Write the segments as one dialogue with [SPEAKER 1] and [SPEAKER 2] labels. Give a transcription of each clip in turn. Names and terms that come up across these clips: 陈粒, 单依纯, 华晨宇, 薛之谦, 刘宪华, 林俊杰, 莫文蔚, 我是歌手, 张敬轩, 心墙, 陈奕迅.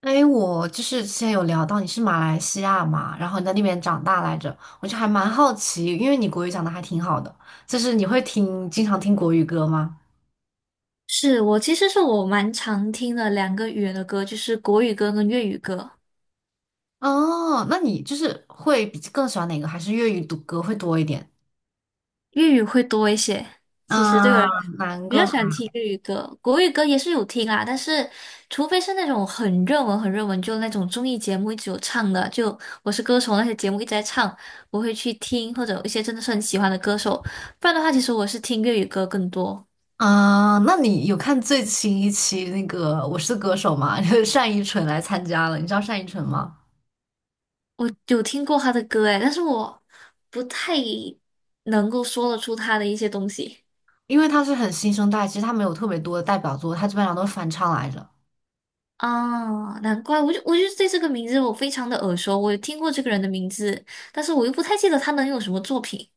[SPEAKER 1] 哎，我就是之前有聊到你是马来西亚嘛，然后你在那边长大来着，我就还蛮好奇，因为你国语讲的还挺好的，就是你会听，经常听国语歌吗？
[SPEAKER 2] 我其实蛮常听的两个语言的歌，就是国语歌跟粤语歌，
[SPEAKER 1] 哦，那你就是会比更喜欢哪个？还是粤语读歌会多一点？
[SPEAKER 2] 粤语会多一些。其实对我
[SPEAKER 1] 啊，
[SPEAKER 2] 来
[SPEAKER 1] 难
[SPEAKER 2] 比
[SPEAKER 1] 歌
[SPEAKER 2] 较喜欢听粤语歌，国语歌也是有听啊，但是除非是那种很热门、很热门，就那种综艺节目一直有唱的，就《我是歌手》那些节目一直在唱，我会去听，或者有一些真的是很喜欢的歌手，不然的话，其实我是听粤语歌更多。
[SPEAKER 1] 啊，那你有看最新一期那个《我是歌手》吗？就是单依纯来参加了，你知道单依纯吗？
[SPEAKER 2] 我有听过他的歌诶，但是我不太能够说得出他的一些东西。
[SPEAKER 1] 因为她是很新生代，其实她没有特别多的代表作，她基本上都是翻唱来着。
[SPEAKER 2] 啊，难怪，我就对这个名字我非常的耳熟，我有听过这个人的名字，但是我又不太记得他能有什么作品。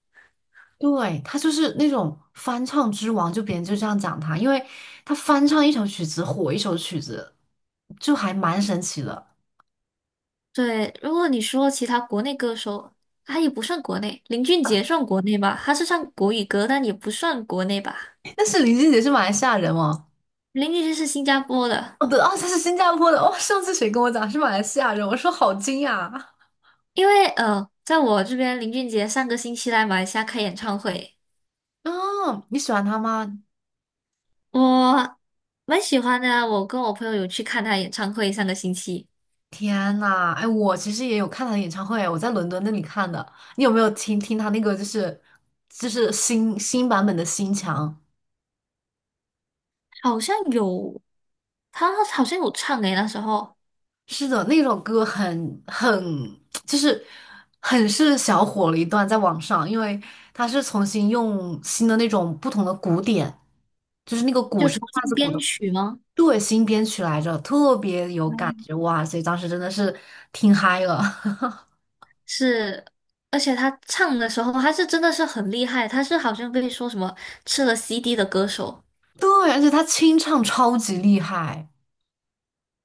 [SPEAKER 1] 对，他就是那种翻唱之王，就别人就这样讲他，因为他翻唱一首曲子火一首曲子，就还蛮神奇的。
[SPEAKER 2] 对，如果你说其他国内歌手，他也不算国内，林俊杰算国内吧，他是唱国语歌，但也不算国内吧。
[SPEAKER 1] 但是林俊杰是马来西亚人哦。
[SPEAKER 2] 林俊杰是新加坡的，
[SPEAKER 1] 哦对，哦他是新加坡的。哦上次谁跟我讲是马来西亚人，我说好惊讶。
[SPEAKER 2] 因为在我这边，林俊杰上个星期来马来西亚开演唱会，
[SPEAKER 1] 哦，你喜欢他吗？
[SPEAKER 2] 我蛮喜欢的啊，我跟我朋友有去看他演唱会，上个星期。
[SPEAKER 1] 天呐，哎，我其实也有看他的演唱会，我在伦敦那里看的。你有没有听听他那个就是新版本的《心墙》？
[SPEAKER 2] 好像有，他好像有唱诶，那时候。
[SPEAKER 1] 是的，那首歌很就是很是小火了一段在网上，因为它是重新用新的那种不同的鼓点，就是那个鼓
[SPEAKER 2] 就
[SPEAKER 1] 是
[SPEAKER 2] 重
[SPEAKER 1] 架
[SPEAKER 2] 新
[SPEAKER 1] 子鼓
[SPEAKER 2] 编
[SPEAKER 1] 的。
[SPEAKER 2] 曲吗？
[SPEAKER 1] 对，新编曲来着，特别有感觉哇！所以当时真的是听嗨了。
[SPEAKER 2] 是，而且他唱的时候，他是真的是很厉害，他是好像被说什么吃了 CD 的歌手。
[SPEAKER 1] 对，而且他清唱超级厉害。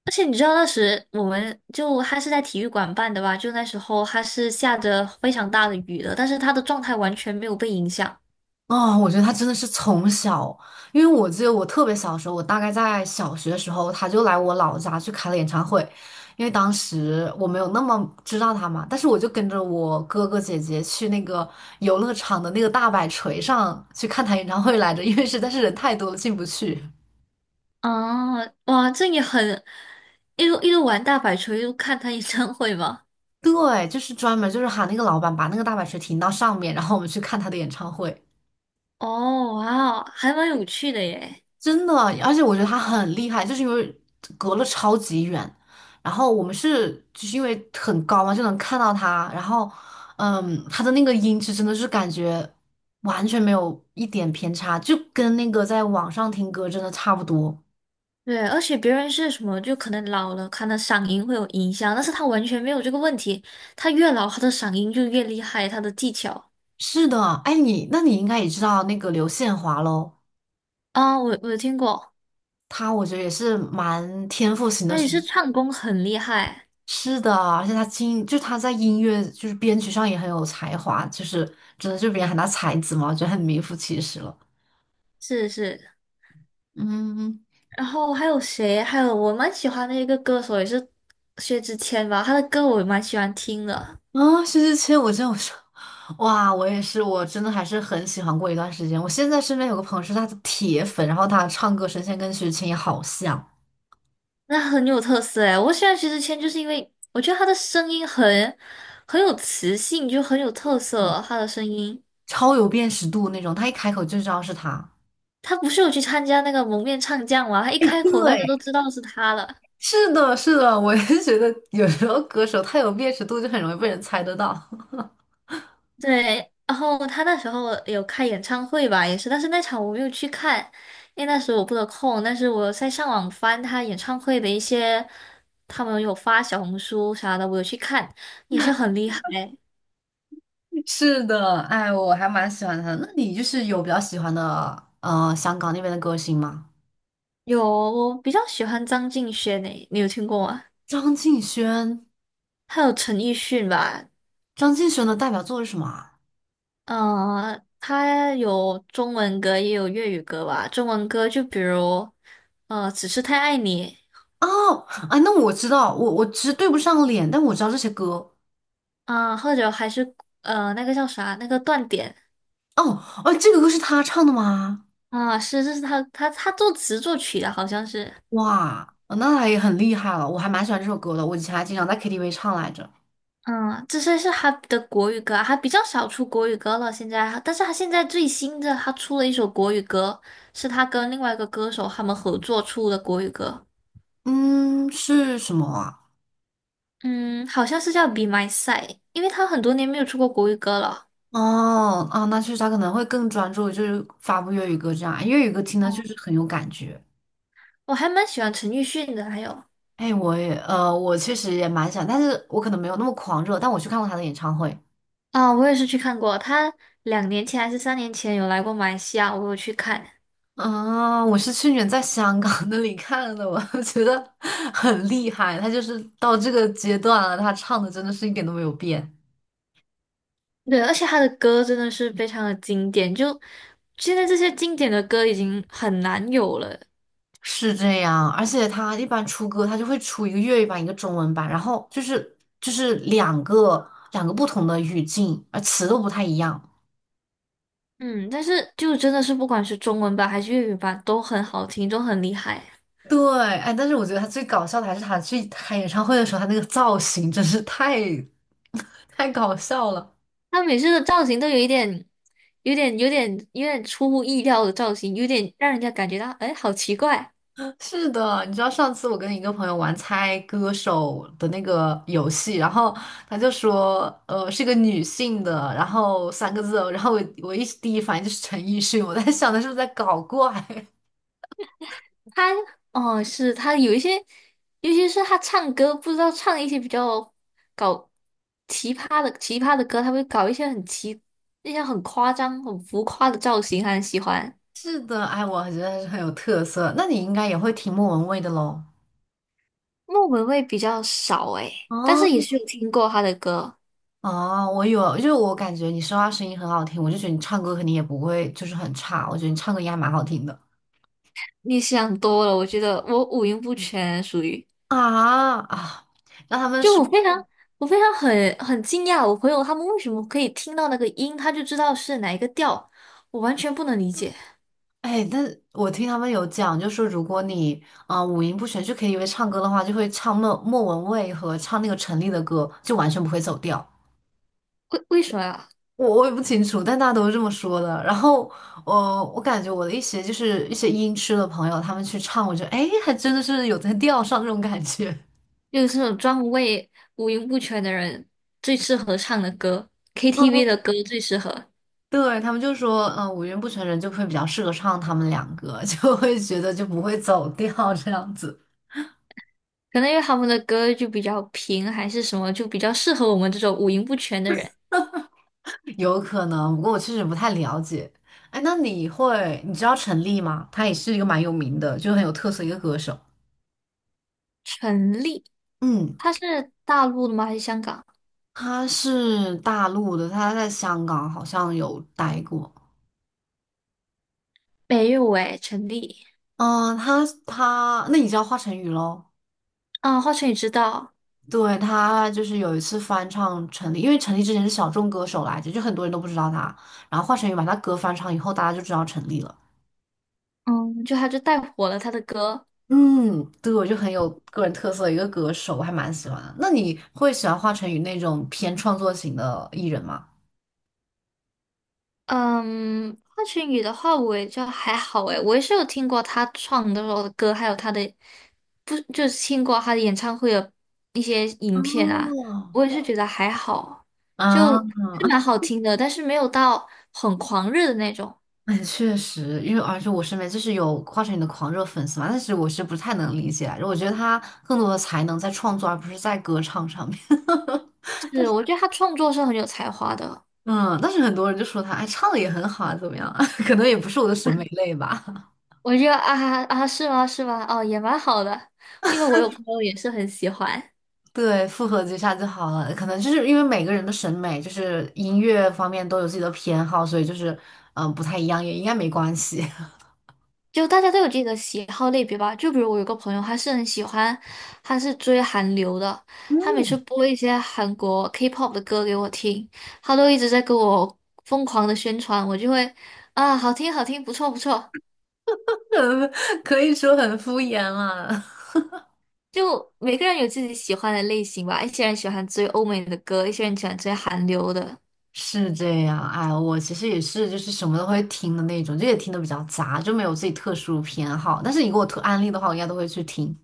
[SPEAKER 2] 而且你知道那时就他是在体育馆办的吧？就那时候他是下着非常大的雨的，但是他的状态完全没有被影响。
[SPEAKER 1] 哦，我觉得他真的是从小，因为我记得我特别小的时候，我大概在小学的时候，他就来我老家去开了演唱会，因为当时我没有那么知道他嘛，但是我就跟着我哥哥姐姐去那个游乐场的那个大摆锤上去看他演唱会来着，因为实在是人太多了进不去。
[SPEAKER 2] 啊，哇，这也很一路一路玩大摆锤，一路看他演唱会嘛。
[SPEAKER 1] 对，就是专门就是喊那个老板把那个大摆锤停到上面，然后我们去看他的演唱会。
[SPEAKER 2] 哦，哇，还蛮有趣的耶。
[SPEAKER 1] 真的，而且我觉得他很厉害，就是因为隔了超级远，然后我们是就是因为很高嘛，就能看到他，然后，嗯，他的那个音质真的是感觉完全没有一点偏差，就跟那个在网上听歌真的差不多。
[SPEAKER 2] 对，而且别人是什么，就可能老了，可能嗓音会有影响，但是他完全没有这个问题。他越老，他的嗓音就越厉害，他的技巧
[SPEAKER 1] 是的。哎，你那你应该也知道那个刘宪华喽，
[SPEAKER 2] 啊，我有听过，
[SPEAKER 1] 他我觉得也是蛮天赋型的
[SPEAKER 2] 他也是
[SPEAKER 1] 选
[SPEAKER 2] 唱功很厉害，
[SPEAKER 1] 是的，而且他在音乐就是编曲上也很有才华，就是真的就别人喊他才子嘛，我觉得很名副其实了。
[SPEAKER 2] 是是。
[SPEAKER 1] 嗯。
[SPEAKER 2] 然后还有谁？还有我蛮喜欢的一个歌手，也是薛之谦吧，他的歌我也蛮喜欢听的，
[SPEAKER 1] 啊，薛之谦，我说，哇，我也是，我真的还是很喜欢过一段时间。我现在身边有个朋友是他的铁粉，然后他唱歌声线跟薛之谦也好像，
[SPEAKER 2] 那很有特色诶。我喜欢薛之谦，就是因为我觉得他的声音很有磁性，就很有特色，他的声音。
[SPEAKER 1] 超有辨识度那种，他一开口就知道是他。
[SPEAKER 2] 他不是有去参加那个蒙面唱将吗？他 一开口大家都
[SPEAKER 1] 对，
[SPEAKER 2] 知道是他了。
[SPEAKER 1] 是的，是的，我也觉得有时候歌手太有辨识度就很容易被人猜得到。
[SPEAKER 2] 对，然后他那时候有开演唱会吧，也是，但是那场我没有去看，因为那时候我不得空。但是我在上网翻他演唱会的一些，他们有发小红书啥的，我有去看，也是很厉害。
[SPEAKER 1] 是的。哎，我还蛮喜欢他的。那你就是有比较喜欢的香港那边的歌星吗？
[SPEAKER 2] 有，我比较喜欢张敬轩诶，你有听过吗？
[SPEAKER 1] 张敬轩。
[SPEAKER 2] 还有陈奕迅吧，
[SPEAKER 1] 张敬轩的代表作是什么啊？
[SPEAKER 2] 他有中文歌，也有粤语歌吧。中文歌就比如，《只是太爱你》
[SPEAKER 1] 哦，哎，那我知道，我其实对不上脸，但我知道这些歌。
[SPEAKER 2] 啊、或者还是那个叫啥，那个断点
[SPEAKER 1] 哦。哦，这个歌是他唱的吗？
[SPEAKER 2] 啊、是这是他作词作曲的，好像是。
[SPEAKER 1] 哇，哦那他也很厉害了，我还蛮喜欢这首歌的，我以前还经常在 KTV 唱来着。
[SPEAKER 2] 嗯，这些是他的国语歌啊，他比较少出国语歌了。现在，但是他现在最新的，他出了一首国语歌，是他跟另外一个歌手他们合作出的国语歌。
[SPEAKER 1] 嗯，是什么啊？
[SPEAKER 2] 嗯，好像是叫《Be My Side》，因为他很多年没有出过国语歌了。
[SPEAKER 1] 哦，啊，那确实他可能会更专注，就是发布粤语歌这样，粤语歌听的确实很有感觉。
[SPEAKER 2] 我还蛮喜欢陈奕迅的，还有
[SPEAKER 1] 哎，我也，我确实也蛮想，但是我可能没有那么狂热，但我去看过他的演唱会。
[SPEAKER 2] 啊、我也是去看过，他2年前还是3年前有来过马来西亚，我有去看。
[SPEAKER 1] 啊，我是去年在香港那里看的，我 觉得很厉害。他就是到这个阶段了，他唱的真的是一点都没有变。
[SPEAKER 2] 对，而且他的歌真的是非常的经典，就现在这些经典的歌已经很难有了。
[SPEAKER 1] 是这样，而且他一般出歌，他就会出一个粤语版，一个中文版，然后就是两个不同的语境，而词都不太一样。
[SPEAKER 2] 嗯，但是就真的是不管是中文版还是粤语版都很好听，都很厉害。
[SPEAKER 1] 对。哎，但是我觉得他最搞笑的还是他去开演唱会的时候，他那个造型真是太搞笑了。
[SPEAKER 2] 他每次的造型都有一点、有点、有点、有点出乎意料的造型，有点让人家感觉到，哎，好奇怪。
[SPEAKER 1] 是的。你知道上次我跟一个朋友玩猜歌手的那个游戏，然后他就说，是个女性的，然后三个字哦然后我第一反应就是陈奕迅，我在想他是不是在搞怪？
[SPEAKER 2] 他哦，是他有一些，尤其是他唱歌，不知道唱一些比较搞奇葩的奇葩的歌，他会搞一些一些很夸张、很浮夸的造型，他很喜欢。
[SPEAKER 1] 是的。哎，我觉得还是很有特色。那你应该也会听莫文蔚的喽。
[SPEAKER 2] 莫文蔚比较少诶，但是也
[SPEAKER 1] 哦，
[SPEAKER 2] 是有听过他的歌。
[SPEAKER 1] 哦，我有，就是我感觉你说话声音很好听，我就觉得你唱歌肯定也不会就是很差，我觉得你唱歌应该蛮好听的。
[SPEAKER 2] 你想多了，我觉得我五音不全，
[SPEAKER 1] 啊啊。让他们
[SPEAKER 2] 就
[SPEAKER 1] 说。
[SPEAKER 2] 我非常很惊讶，我朋友他们为什么可以听到那个音，他就知道是哪一个调，我完全不能理解，
[SPEAKER 1] 哎，但我听他们有讲，就说如果你五音不全去 KTV 唱歌的话，就会唱莫文蔚和唱那个陈粒的歌，就完全不会走调。
[SPEAKER 2] 为什么呀？
[SPEAKER 1] 我也不清楚，但大家都是这么说的。然后我我感觉我的一些就是一些音痴的朋友，他们去唱，我觉得哎，还真的是有在调上这种感觉。
[SPEAKER 2] 就是这种专为五音不全的人最适合唱的歌，KTV 的歌最适合。
[SPEAKER 1] 对，他们就说，嗯、五音不全人就会比较适合唱他们两个，就会觉得就不会走调这样子。
[SPEAKER 2] 可能因为他们的歌就比较平，还是什么，就比较适合我们这种五音不全的人。
[SPEAKER 1] 有可能，不过我确实不太了解。哎，那你会，你知道陈粒吗？他也是一个蛮有名的，就很有特色一个歌手。
[SPEAKER 2] 陈粒，
[SPEAKER 1] 嗯，
[SPEAKER 2] 他是大陆的吗？还是香港？
[SPEAKER 1] 他是大陆的，他在香港好像有待过。
[SPEAKER 2] 没有诶，陈粒。
[SPEAKER 1] 嗯，那你知道华晨宇喽？
[SPEAKER 2] 啊，华晨宇知道，
[SPEAKER 1] 对，他就是有一次翻唱陈粒，因为陈粒之前是小众歌手来着，就很多人都不知道他。然后华晨宇把他歌翻唱以后，大家就知道陈粒了。
[SPEAKER 2] 嗯，他就带火了他的歌，
[SPEAKER 1] 嗯，对，我就很有个人特色的一个歌手，我还蛮喜欢的。那你会喜欢华晨宇那种偏创作型的艺人吗？
[SPEAKER 2] 嗯，华晨宇的话，我也就还好诶，我也是有听过他唱的时的歌，还有他的，不，就是听过他的演唱会的一些影片啊，
[SPEAKER 1] 哦，
[SPEAKER 2] 我也是觉得还好，
[SPEAKER 1] 啊，
[SPEAKER 2] 就 是蛮好听的，但是没有到很狂热的那种。
[SPEAKER 1] 哎确实，因为而且我身边就是有华晨宇的狂热粉丝嘛，但是我是不太能理解来着我觉得他更多的才能在创作，而不是在歌唱上面。
[SPEAKER 2] 是，我觉得他创作是很有才华的。
[SPEAKER 1] 嗯，但是很多人就说他，哎，唱的也很好啊，怎么样啊 可能也不是我的审美类吧。
[SPEAKER 2] 我觉得啊啊，啊是吗？是吗？哦，也蛮好的，因为我有朋友也是很喜欢。
[SPEAKER 1] 对，复合几下就好了。可能就是因为每个人的审美，就是音乐方面都有自己的偏好，所以就是不太一样，也应该没关系。
[SPEAKER 2] 就大家都有自己的喜好类别吧。就比如我有个朋友，他是很喜欢，他是追韩流的，他每次播一些韩国 K-pop 的歌给我听，他都一直在给我疯狂的宣传，我就会啊，好听好听，不错不错。
[SPEAKER 1] 嗯，可以说很敷衍了。
[SPEAKER 2] 就每个人有自己喜欢的类型吧，一些人喜欢追欧美的歌，一些人喜欢追韩流的。
[SPEAKER 1] 是这样，哎，我其实也是，就是什么都会听的那种，就也听的比较杂，就没有自己特殊偏好。但是你给我推安利的话，我应该都会去听。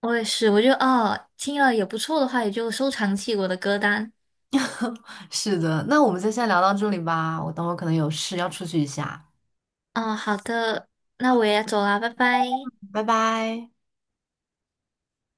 [SPEAKER 2] 我也是，我就啊，听了也不错的话，也就收藏起我的歌单。
[SPEAKER 1] 是的。那我们就先聊到这里吧，我等会儿可能有事要出去一下。
[SPEAKER 2] 啊，好的，那我也走啦，拜拜。
[SPEAKER 1] 拜拜。